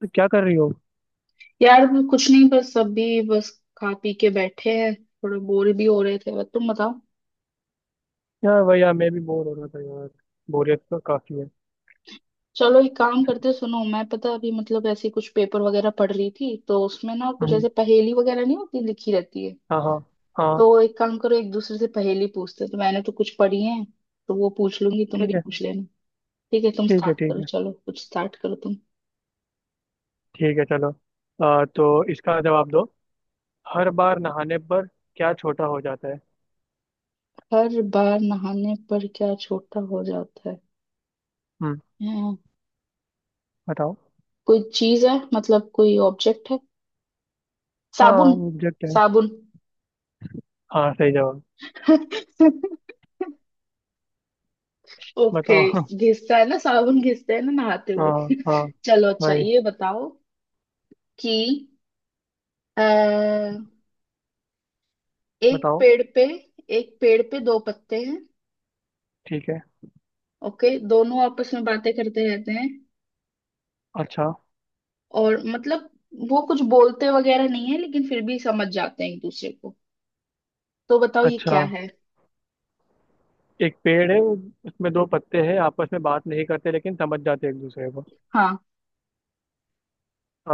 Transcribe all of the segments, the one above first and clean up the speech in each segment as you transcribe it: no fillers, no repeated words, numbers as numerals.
तो क्या कर रही हो? यार वो कुछ नहीं बस अभी बस खा पी के बैठे हैं। थोड़े बोर भी हो रहे थे, बस तुम बताओ। यार वही यार, मैं भी बोर हो रहा था यार। बोरियत तो काफी है। चलो एक काम करते हैं, सुनो, मैं पता अभी मतलब ऐसे कुछ पेपर वगैरह पढ़ रही थी तो उसमें ना कुछ हम्म, ऐसे पहेली वगैरह नहीं होती लिखी रहती है। हाँ हाँ। हाँ। तो एक काम करो, एक दूसरे से पहेली पूछते हैं, तो मैंने तो कुछ पढ़ी है। तो वो पूछ लूंगी, तुम भी ठीक है पूछ लेना। ठीक है, तुम ठीक है। स्टार्ट ठीक करो, है। चलो कुछ स्टार्ट करो तुम। ठीक है चलो। तो इसका जवाब दो। हर बार नहाने पर क्या छोटा हो जाता है? हर बार नहाने पर क्या छोटा हो जाता है? हम्म, हैं, बताओ। कोई चीज है मतलब कोई ऑब्जेक्ट है? हाँ, साबुन। ऑब्जेक्ट है। साबुन। हाँ, सही जवाब। ओके। बताओ घिसता है ना साबुन, घिसते हैं ना नहाते हुए। हाँ हाँ चलो अच्छा भाई, ये बताओ कि आ, एक बताओ। पेड़ पे एक पेड़ पे दो पत्ते हैं। ठीक है। ओके, दोनों आपस में बातें करते रहते हैं अच्छा। और मतलब वो कुछ बोलते वगैरह नहीं है लेकिन फिर भी समझ जाते हैं एक दूसरे को। तो बताओ ये क्या अच्छा, है। एक पेड़ है उसमें दो पत्ते हैं, आपस में बात नहीं करते लेकिन समझ जाते हैं एक दूसरे को। हाँ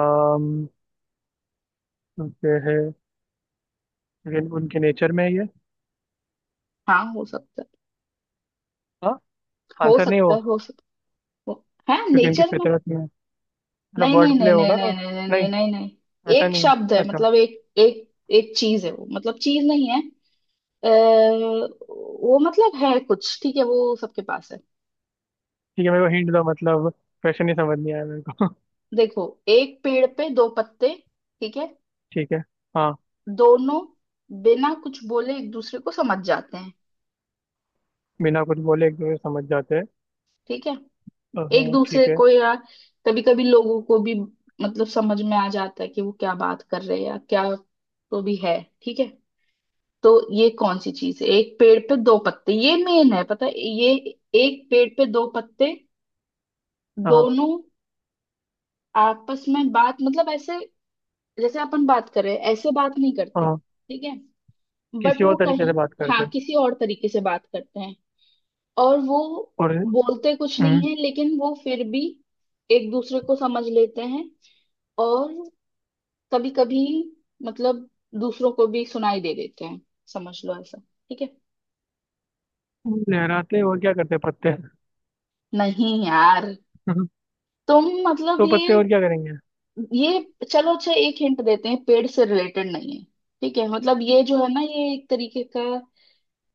आम, पेड़ है, लेकिन उनके नेचर में ही है ये। हाँ हो सकता है। हाँ, हो आंसर नहीं वो। सकता है। हो सकता है क्योंकि उनकी नेचर में। फितरत में है। मतलब नहीं नहीं वर्ड प्ले नहीं नहीं होगा तो। नहीं नहीं नहीं नहीं नहीं, नहीं नहीं। ऐसा एक नहीं है। शब्द है अच्छा। मतलब एक एक एक चीज है वो, मतलब चीज नहीं है। वो मतलब है कुछ, ठीक है, वो सबके पास है। ठीक है, मेरे को हिंट दो, मतलब क्वेश्चन ही समझ नहीं आया मेरे को। देखो, एक पेड़ पे दो पत्ते, ठीक है। ठीक है। हाँ। दोनों बिना कुछ बोले एक दूसरे को समझ जाते हैं, बिना कुछ बोले एक दूसरे से समझ जाते हैं। ठीक है। एक दूसरे ठीक है। को, या कभी कभी लोगों को भी मतलब समझ में आ जाता है कि वो क्या बात कर रहे हैं या क्या, तो भी है, ठीक है। तो ये कौन सी चीज है? एक पेड़ पे दो पत्ते, ये मेन है, पता है ये। एक पेड़ पे दो पत्ते, हाँ। दोनों आपस में बात मतलब ऐसे जैसे अपन बात कर रहे हैं, ऐसे बात नहीं करते, हाँ, ठीक है। बट किसी और वो तरीके कहीं, से बात करते हाँ हैं। किसी और तरीके से बात करते हैं। और वो और। बोलते कुछ नहीं हम्म, है लेकिन वो फिर भी एक दूसरे को समझ लेते हैं। और कभी कभी मतलब दूसरों को भी सुनाई दे देते हैं, समझ लो ऐसा, ठीक है। लहराते और क्या करते हैं? पत्ते। नहीं यार, तुम मतलब तो पत्ते ये और क्या करेंगे। ये चलो अच्छा एक हिंट देते हैं, पेड़ से रिलेटेड नहीं है। ठीक है, मतलब ये जो है ना, ये एक तरीके का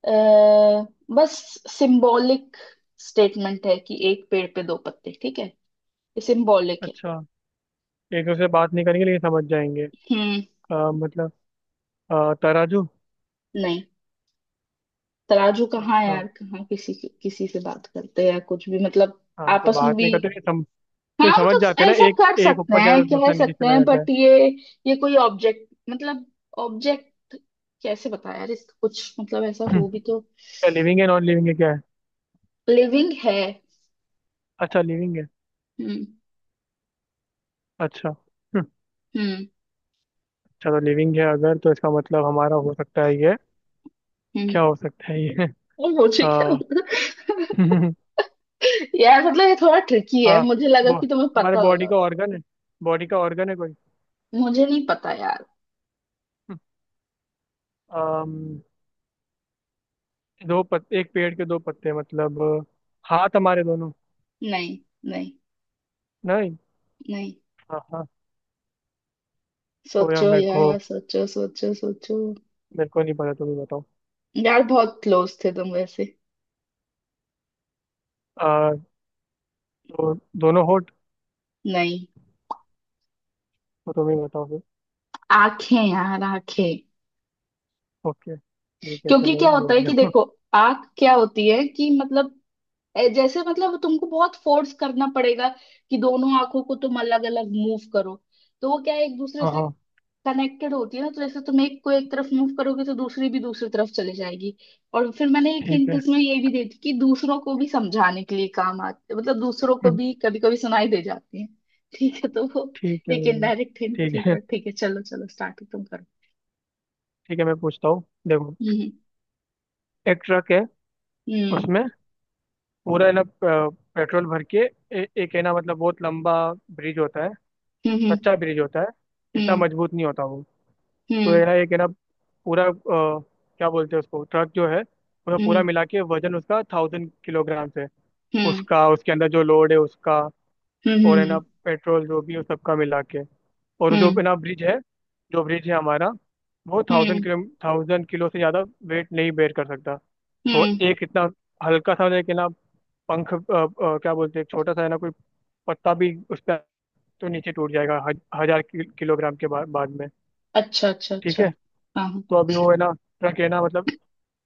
आ, बस सिंबॉलिक स्टेटमेंट है कि एक पेड़ पे दो पत्ते, ठीक है। ये सिंबॉलिक है। अच्छा, एक दूसरे से बात नहीं करेंगे लेकिन समझ जाएंगे। हम्म। मतलब तराजू। नहीं, तराजू कहाँ है अच्छा। यार, कहाँ किसी किसी से बात करते हैं या कुछ भी मतलब। हाँ तो आपस में बात भी। नहीं करते लेकिन नहीं, हाँ समझ मतलब जाते हैं ना, ऐसा एक कर एक सकते ऊपर जाता हैं, है कह दूसरा नीचे सकते चला हैं, जाता है। बट ये। ये कोई ऑब्जेक्ट मतलब ऑब्जेक्ट कैसे बताया यार, इसका कुछ मतलब ऐसा हम्म, हो भी तो। क्या लिविंग है, नॉन लिविंग है, क्या है? लिविंग है। अच्छा, लिविंग है। हम्म अच्छा। हम्म चलो लिविंग है अगर, तो इसका मतलब हमारा हो सकता है ये। हम्म। क्या हो सकता है ये और मुझे क्या? आ, यार मतलब ये थोड़ा ट्रिकी है, हाँ। मुझे लगा बो, कि तुम्हें हमारे पता बॉडी होगा। का ऑर्गन है। बॉडी का ऑर्गन है कोई। मुझे नहीं पता यार। हम्म, अम, एक पेड़ के दो पत्ते, मतलब हाथ हमारे दोनों। नहीं नहीं नहीं। नहीं। हाँ हाँ। तो यार सोचो मेरे को, यार, सोचो सोचो सोचो। मेरे को नहीं पता, तुम ही बताओ। यार बहुत क्लोज थे तुम वैसे। आ, तो दोनों होठ। नहीं, तो तुम ही बताओ फिर। आंखें यार, आंखें। ओके ठीक है क्योंकि चलो, क्या होता बोल है कि दिया। देखो, आंख क्या होती है कि मतलब जैसे, मतलब तुमको बहुत फोर्स करना पड़ेगा कि दोनों आंखों को तुम अलग अलग मूव करो। तो वो क्या है, एक दूसरे हाँ से हाँ। कनेक्टेड होती है ना, तो जैसे तुम एक को एक तरफ मूव करोगे तो दूसरी भी दूसरी तरफ चली जाएगी। और फिर मैंने एक ठीक हिंट है इसमें ये भी दी थी कि दूसरों को भी समझाने के लिए काम आते, मतलब दूसरों को भी कभी कभी सुनाई दे जाती है। ठीक है, तो वो ठीक है। एक इनडायरेक्ट हिंट ठीक थी, है, पर ठीक है, चलो चलो स्टार्ट तुम करो। ठीक है मैं पूछता हूँ देखो। हम्म। एक ट्रक है, हम्म। उसमें पूरा है ना पेट्रोल भर के। एक है ना, मतलब बहुत लंबा ब्रिज होता है, हम्म। कच्चा ब्रिज होता है, इतना हम्म। मजबूत नहीं होता वो। तो है हम्म। ना, एक है ना पूरा, क्या बोलते हैं उसको, ट्रक जो है उसमें पूरा हम्म। मिला के वजन उसका थाउजेंड किलोग्राम है। हम्म। उसका, उसके अंदर जो लोड है उसका, हम्म। और है ना हम्म। पेट्रोल जो भी है, उस सबका मिला के। और जो हम्म। बिना ब्रिज है, जो ब्रिज है हमारा, वो हम्म। थाउजेंड किलो, थाउजेंड किलो से ज़्यादा वेट नहीं बेयर कर सकता। तो हम्म। एक इतना हल्का सा, एक है ना पंख, क्या बोलते हैं, एक छोटा सा है ना कोई पत्ता भी उस पर, तो नीचे टूट जाएगा हजार किलोग्राम के बाद में। अच्छा अच्छा ठीक अच्छा। है। हाँ हाँ। तो अभी वो है ना ट्रक है ना, मतलब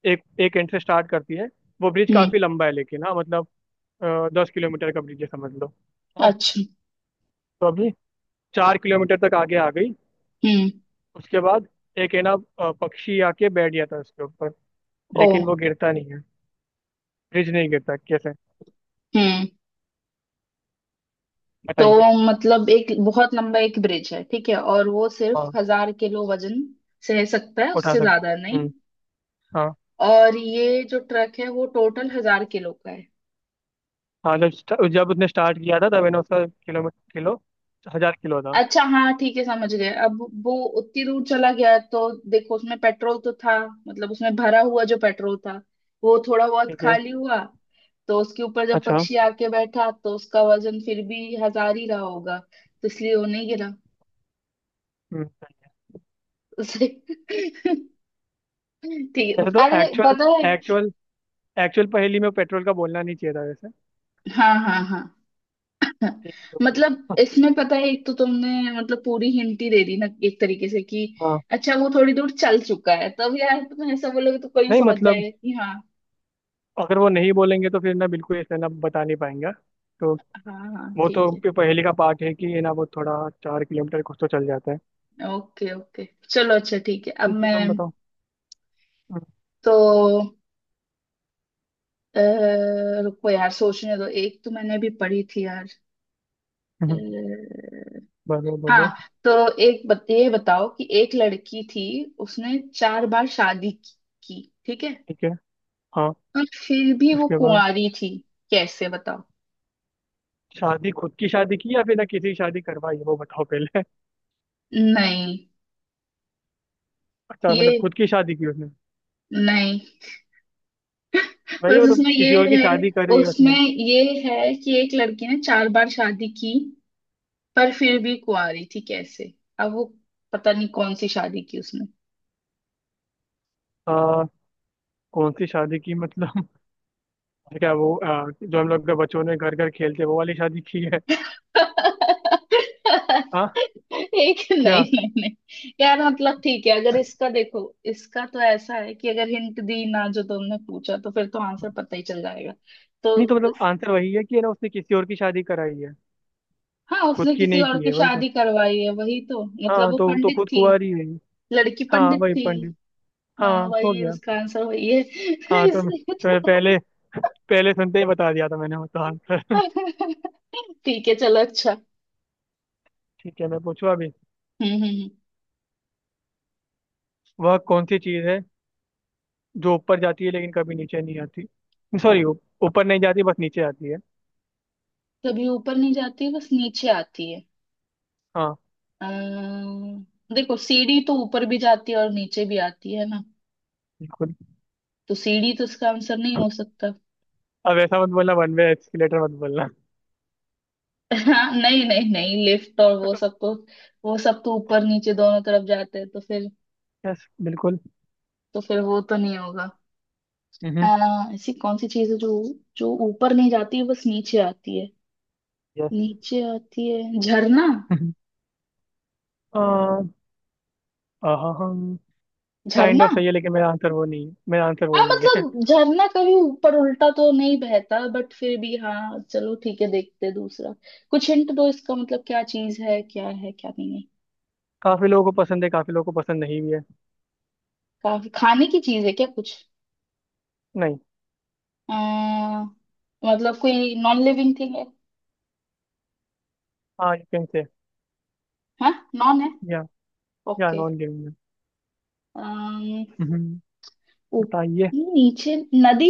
एक एक एंड से स्टार्ट करती है। वो ब्रिज हम्म। काफ़ी लंबा है, लेकिन हाँ मतलब दस किलोमीटर का ब्रिज है समझ लो। हाँ। अच्छा। तो अभी चार किलोमीटर तक आगे आ गई। हम्म। उसके बाद एक है ना पक्षी आके बैठ गया था उसके ऊपर, ओ। लेकिन वो गिरता नहीं है। फ्रिज नहीं गिरता, कैसे? हम्म। तो बताइए। मतलब एक बहुत लंबा एक ब्रिज है, ठीक है, और वो सिर्फ हाँ, 1000 किलो वजन सह सकता है, उठा उससे ज्यादा सकते, नहीं। हम्म। हाँ, और ये जो ट्रक है वो टोटल 1000 किलो का है। हाँ जब जब उसने स्टार्ट किया था तब है ना उसका किलो, हजार किलो था। अच्छा, हाँ ठीक है, समझ गए अब। वो उतनी दूर चला गया तो देखो उसमें पेट्रोल तो था, मतलब उसमें भरा हुआ जो पेट्रोल था वो थोड़ा बहुत ठीक है। खाली हुआ। तो उसके ऊपर जब अच्छा। पक्षी आके बैठा तो उसका वजन फिर भी 1000 ही रहा होगा, तो इसलिए वो नहीं गिरा हम्म। उसे। ठीक है, वैसे तो अरे एक्चुअल पता है। एक्चुअल एक्चुअल पहेली में पेट्रोल का बोलना नहीं चाहिए था वैसे। हाँ हाँ हाँ हाँ। ठीक है, जो भी मतलब हो। इसमें पता है, एक तो तुमने मतलब पूरी हिंट ही दे दी ना एक तरीके से कि हाँ। अच्छा वो थोड़ी दूर चल चुका है, तब यार तुम ऐसा बोलोगे तो कोई नहीं समझ मतलब, जाएगा कि हाँ। अगर वो नहीं बोलेंगे तो फिर ना, बिल्कुल ऐसे ना बता नहीं पाएंगे। तो हाँ हाँ वो तो ठीक है। पहेली का पार्ट है कि ये ना, वो थोड़ा चार किलोमीटर कुछ तो चल जाता है। ओके ओके, चलो अच्छा ठीक है, अब ठीक है मैं तुम बताओ। हम्म, तो अ, रुको यार सोचने दो, एक तो मैंने भी पढ़ी थी यार। अ, हम्म, बोलो बोलो। हाँ, तो एक ये बताओ कि एक लड़की थी, उसने चार बार शादी की, ठीक है। ठीक है। हाँ पर फिर भी वो उसके बाद। कुंवारी थी, कैसे बताओ। शादी खुद की शादी की या फिर ना किसी की शादी करवाई है, वो बताओ पहले। नहीं, अच्छा मतलब ये खुद की शादी की उसने। नहीं, वही बस मतलब उसमें ये किसी और की है, शादी करी है उसमें उसने। ये है कि एक लड़की ने चार बार शादी की, पर फिर भी कुंवारी थी कैसे? अब वो पता नहीं कौन सी शादी की उसने। आ, कौन सी शादी की मतलब? क्या वो जो हम लोग के बच्चों ने घर घर खेलते हैं, वो वाली शादी की है? एक, हाँ। नहीं क्या? नहीं नहीं। यार मतलब ठीक है, अगर इसका देखो, इसका तो ऐसा है कि अगर हिंट दी ना जो तुमने पूछा तो फिर तो आंसर पता ही चल जाएगा। तो नहीं तो मतलब आंसर वही है कि है ना उसने किसी और की शादी कराई है। हाँ, खुद उसने की किसी नहीं और की की है, वही तो। शादी करवाई है, वही तो मतलब, हाँ वो तो पंडित खुद थी, कुंवारी है ये। लड़की हाँ पंडित वही थी। पंडित। हाँ हाँ हो वही गया। उसका आंसर वही है। हाँ इसलिए तो तो। मैंने पहले पहले सुनते ही बता दिया था मैंने उसका आंसर। ठीक है चलो अच्छा। ठीक है मैं पूछूं अभी। हम्म हम्म हम्म। वह कौन सी चीज है जो ऊपर जाती है लेकिन कभी नीचे नहीं आती? सॉरी, ऊपर नहीं जाती बस नीचे आती है। कभी ऊपर नहीं जाती, बस नीचे आती है। हाँ, अम्म, देखो, सीढ़ी तो ऊपर भी जाती है और नीचे भी आती है ना, बिल्कुल। तो सीढ़ी तो इसका आंसर नहीं हो सकता। अब ऐसा मत बोलना, वन वे एस्केलेटर मत बोलना। हाँ नहीं नहीं नहीं, लिफ्ट और वो सब तो, वो सब तो ऊपर नीचे दोनों तरफ जाते हैं, तो फिर, यस बिल्कुल। तो फिर वो तो नहीं होगा। आ, हम्म। ऐसी कौन सी चीज है जो, जो ऊपर नहीं जाती है बस नीचे आती है? यस। नीचे आती है, झरना। हम्म, काइंड झरना। ऑफ सही है, लेकिन मेरा आंसर वो नहीं है, मेरा आंसर वो हाँ, नहीं है। मतलब झरना कभी ऊपर उल्टा तो नहीं बहता, बट फिर भी, हाँ चलो ठीक है, देखते हैं दूसरा। कुछ हिंट दो इसका, मतलब क्या चीज है, क्या है क्या नहीं है, काफी लोगों को पसंद है, काफी लोगों को पसंद नहीं भी है। काफी खाने की चीज है क्या, कुछ? नहीं। आ, मतलब कोई नॉन लिविंग थिंग है? हाँ यू कैन से। हाँ, नॉन है, या। या ओके। नॉन गेमिंग है। अम्म हम्म, ऊप- बताइए। नीचे, नदी।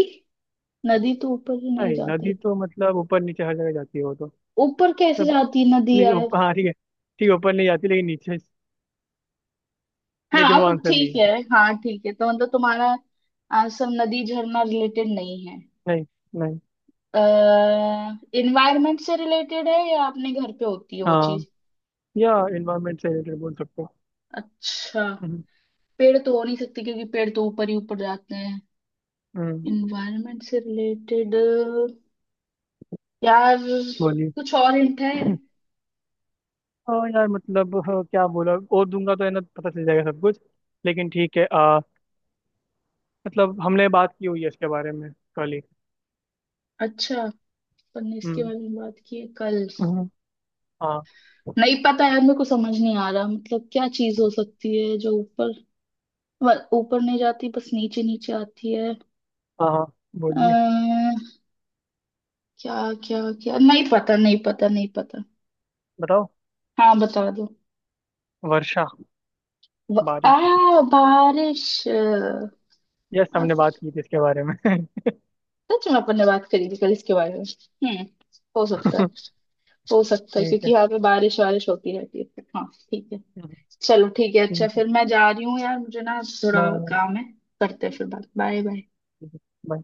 नदी तो ऊपर ही नहीं नहीं, नदी जाती। तो मतलब ऊपर नीचे हर जगह जाती है वो ऊपर तो। कैसे जाती है नदी नहीं यार। ऊपर, हाँ ठीक है ठीक है, ऊपर नहीं जाती लेकिन नीचे। लेकिन हाँ वो वो आंसर नहीं ठीक है। है। हाँ ठीक है, तो मतलब तुम्हारा आंसर नदी झरना रिलेटेड नहीं है। नहीं। नहीं, अः इन्वायरमेंट से रिलेटेड है, या अपने घर पे होती है वो हाँ, चीज? या इन्वायरमेंट से रिलेटेड बोल सकते हो। अच्छा। हम्म। पेड़ तो हो नहीं सकते क्योंकि पेड़ तो ऊपर ही ऊपर जाते हैं। हम्म, इन्वायरमेंट से रिलेटेड। यार बोलिए। कुछ और हिंट है? हाँ यार मतलब, हाँ, क्या बोला और दूंगा तो है ना पता चल जाएगा सब कुछ। लेकिन ठीक है मतलब हमने बात की हुई है इसके बारे में कल ही। अच्छा, अपन ने इसके हम्म। बारे में बात की है कल? हम्म, हाँ। नहीं पता यार, मेरे को समझ नहीं आ रहा मतलब क्या चीज हो सकती है जो ऊपर, ऊपर नहीं जाती बस नीचे नीचे आती है। हाँ, हाँ, बोलिए। अः क्या? क्या क्या, नहीं पता नहीं पता नहीं पता। बताओ। हाँ बता दो। वर्षा। आ बारिश। बारिश। यस, हमने बात की थी इसके बारे में सच में अपन ने बात करी थी कल इसके बारे में। हम्म। हो सकता है। हो सकता है ठीक क्योंकि है। यहाँ पे बारिश वारिश होती रहती है, हाँ ठीक है। हम्म, चलो ठीक है, अच्छा ठीक है। फिर मैं जा रही हूँ यार, मुझे ना थोड़ा काम है, करते हैं फिर बात, बाय बाय। बाय।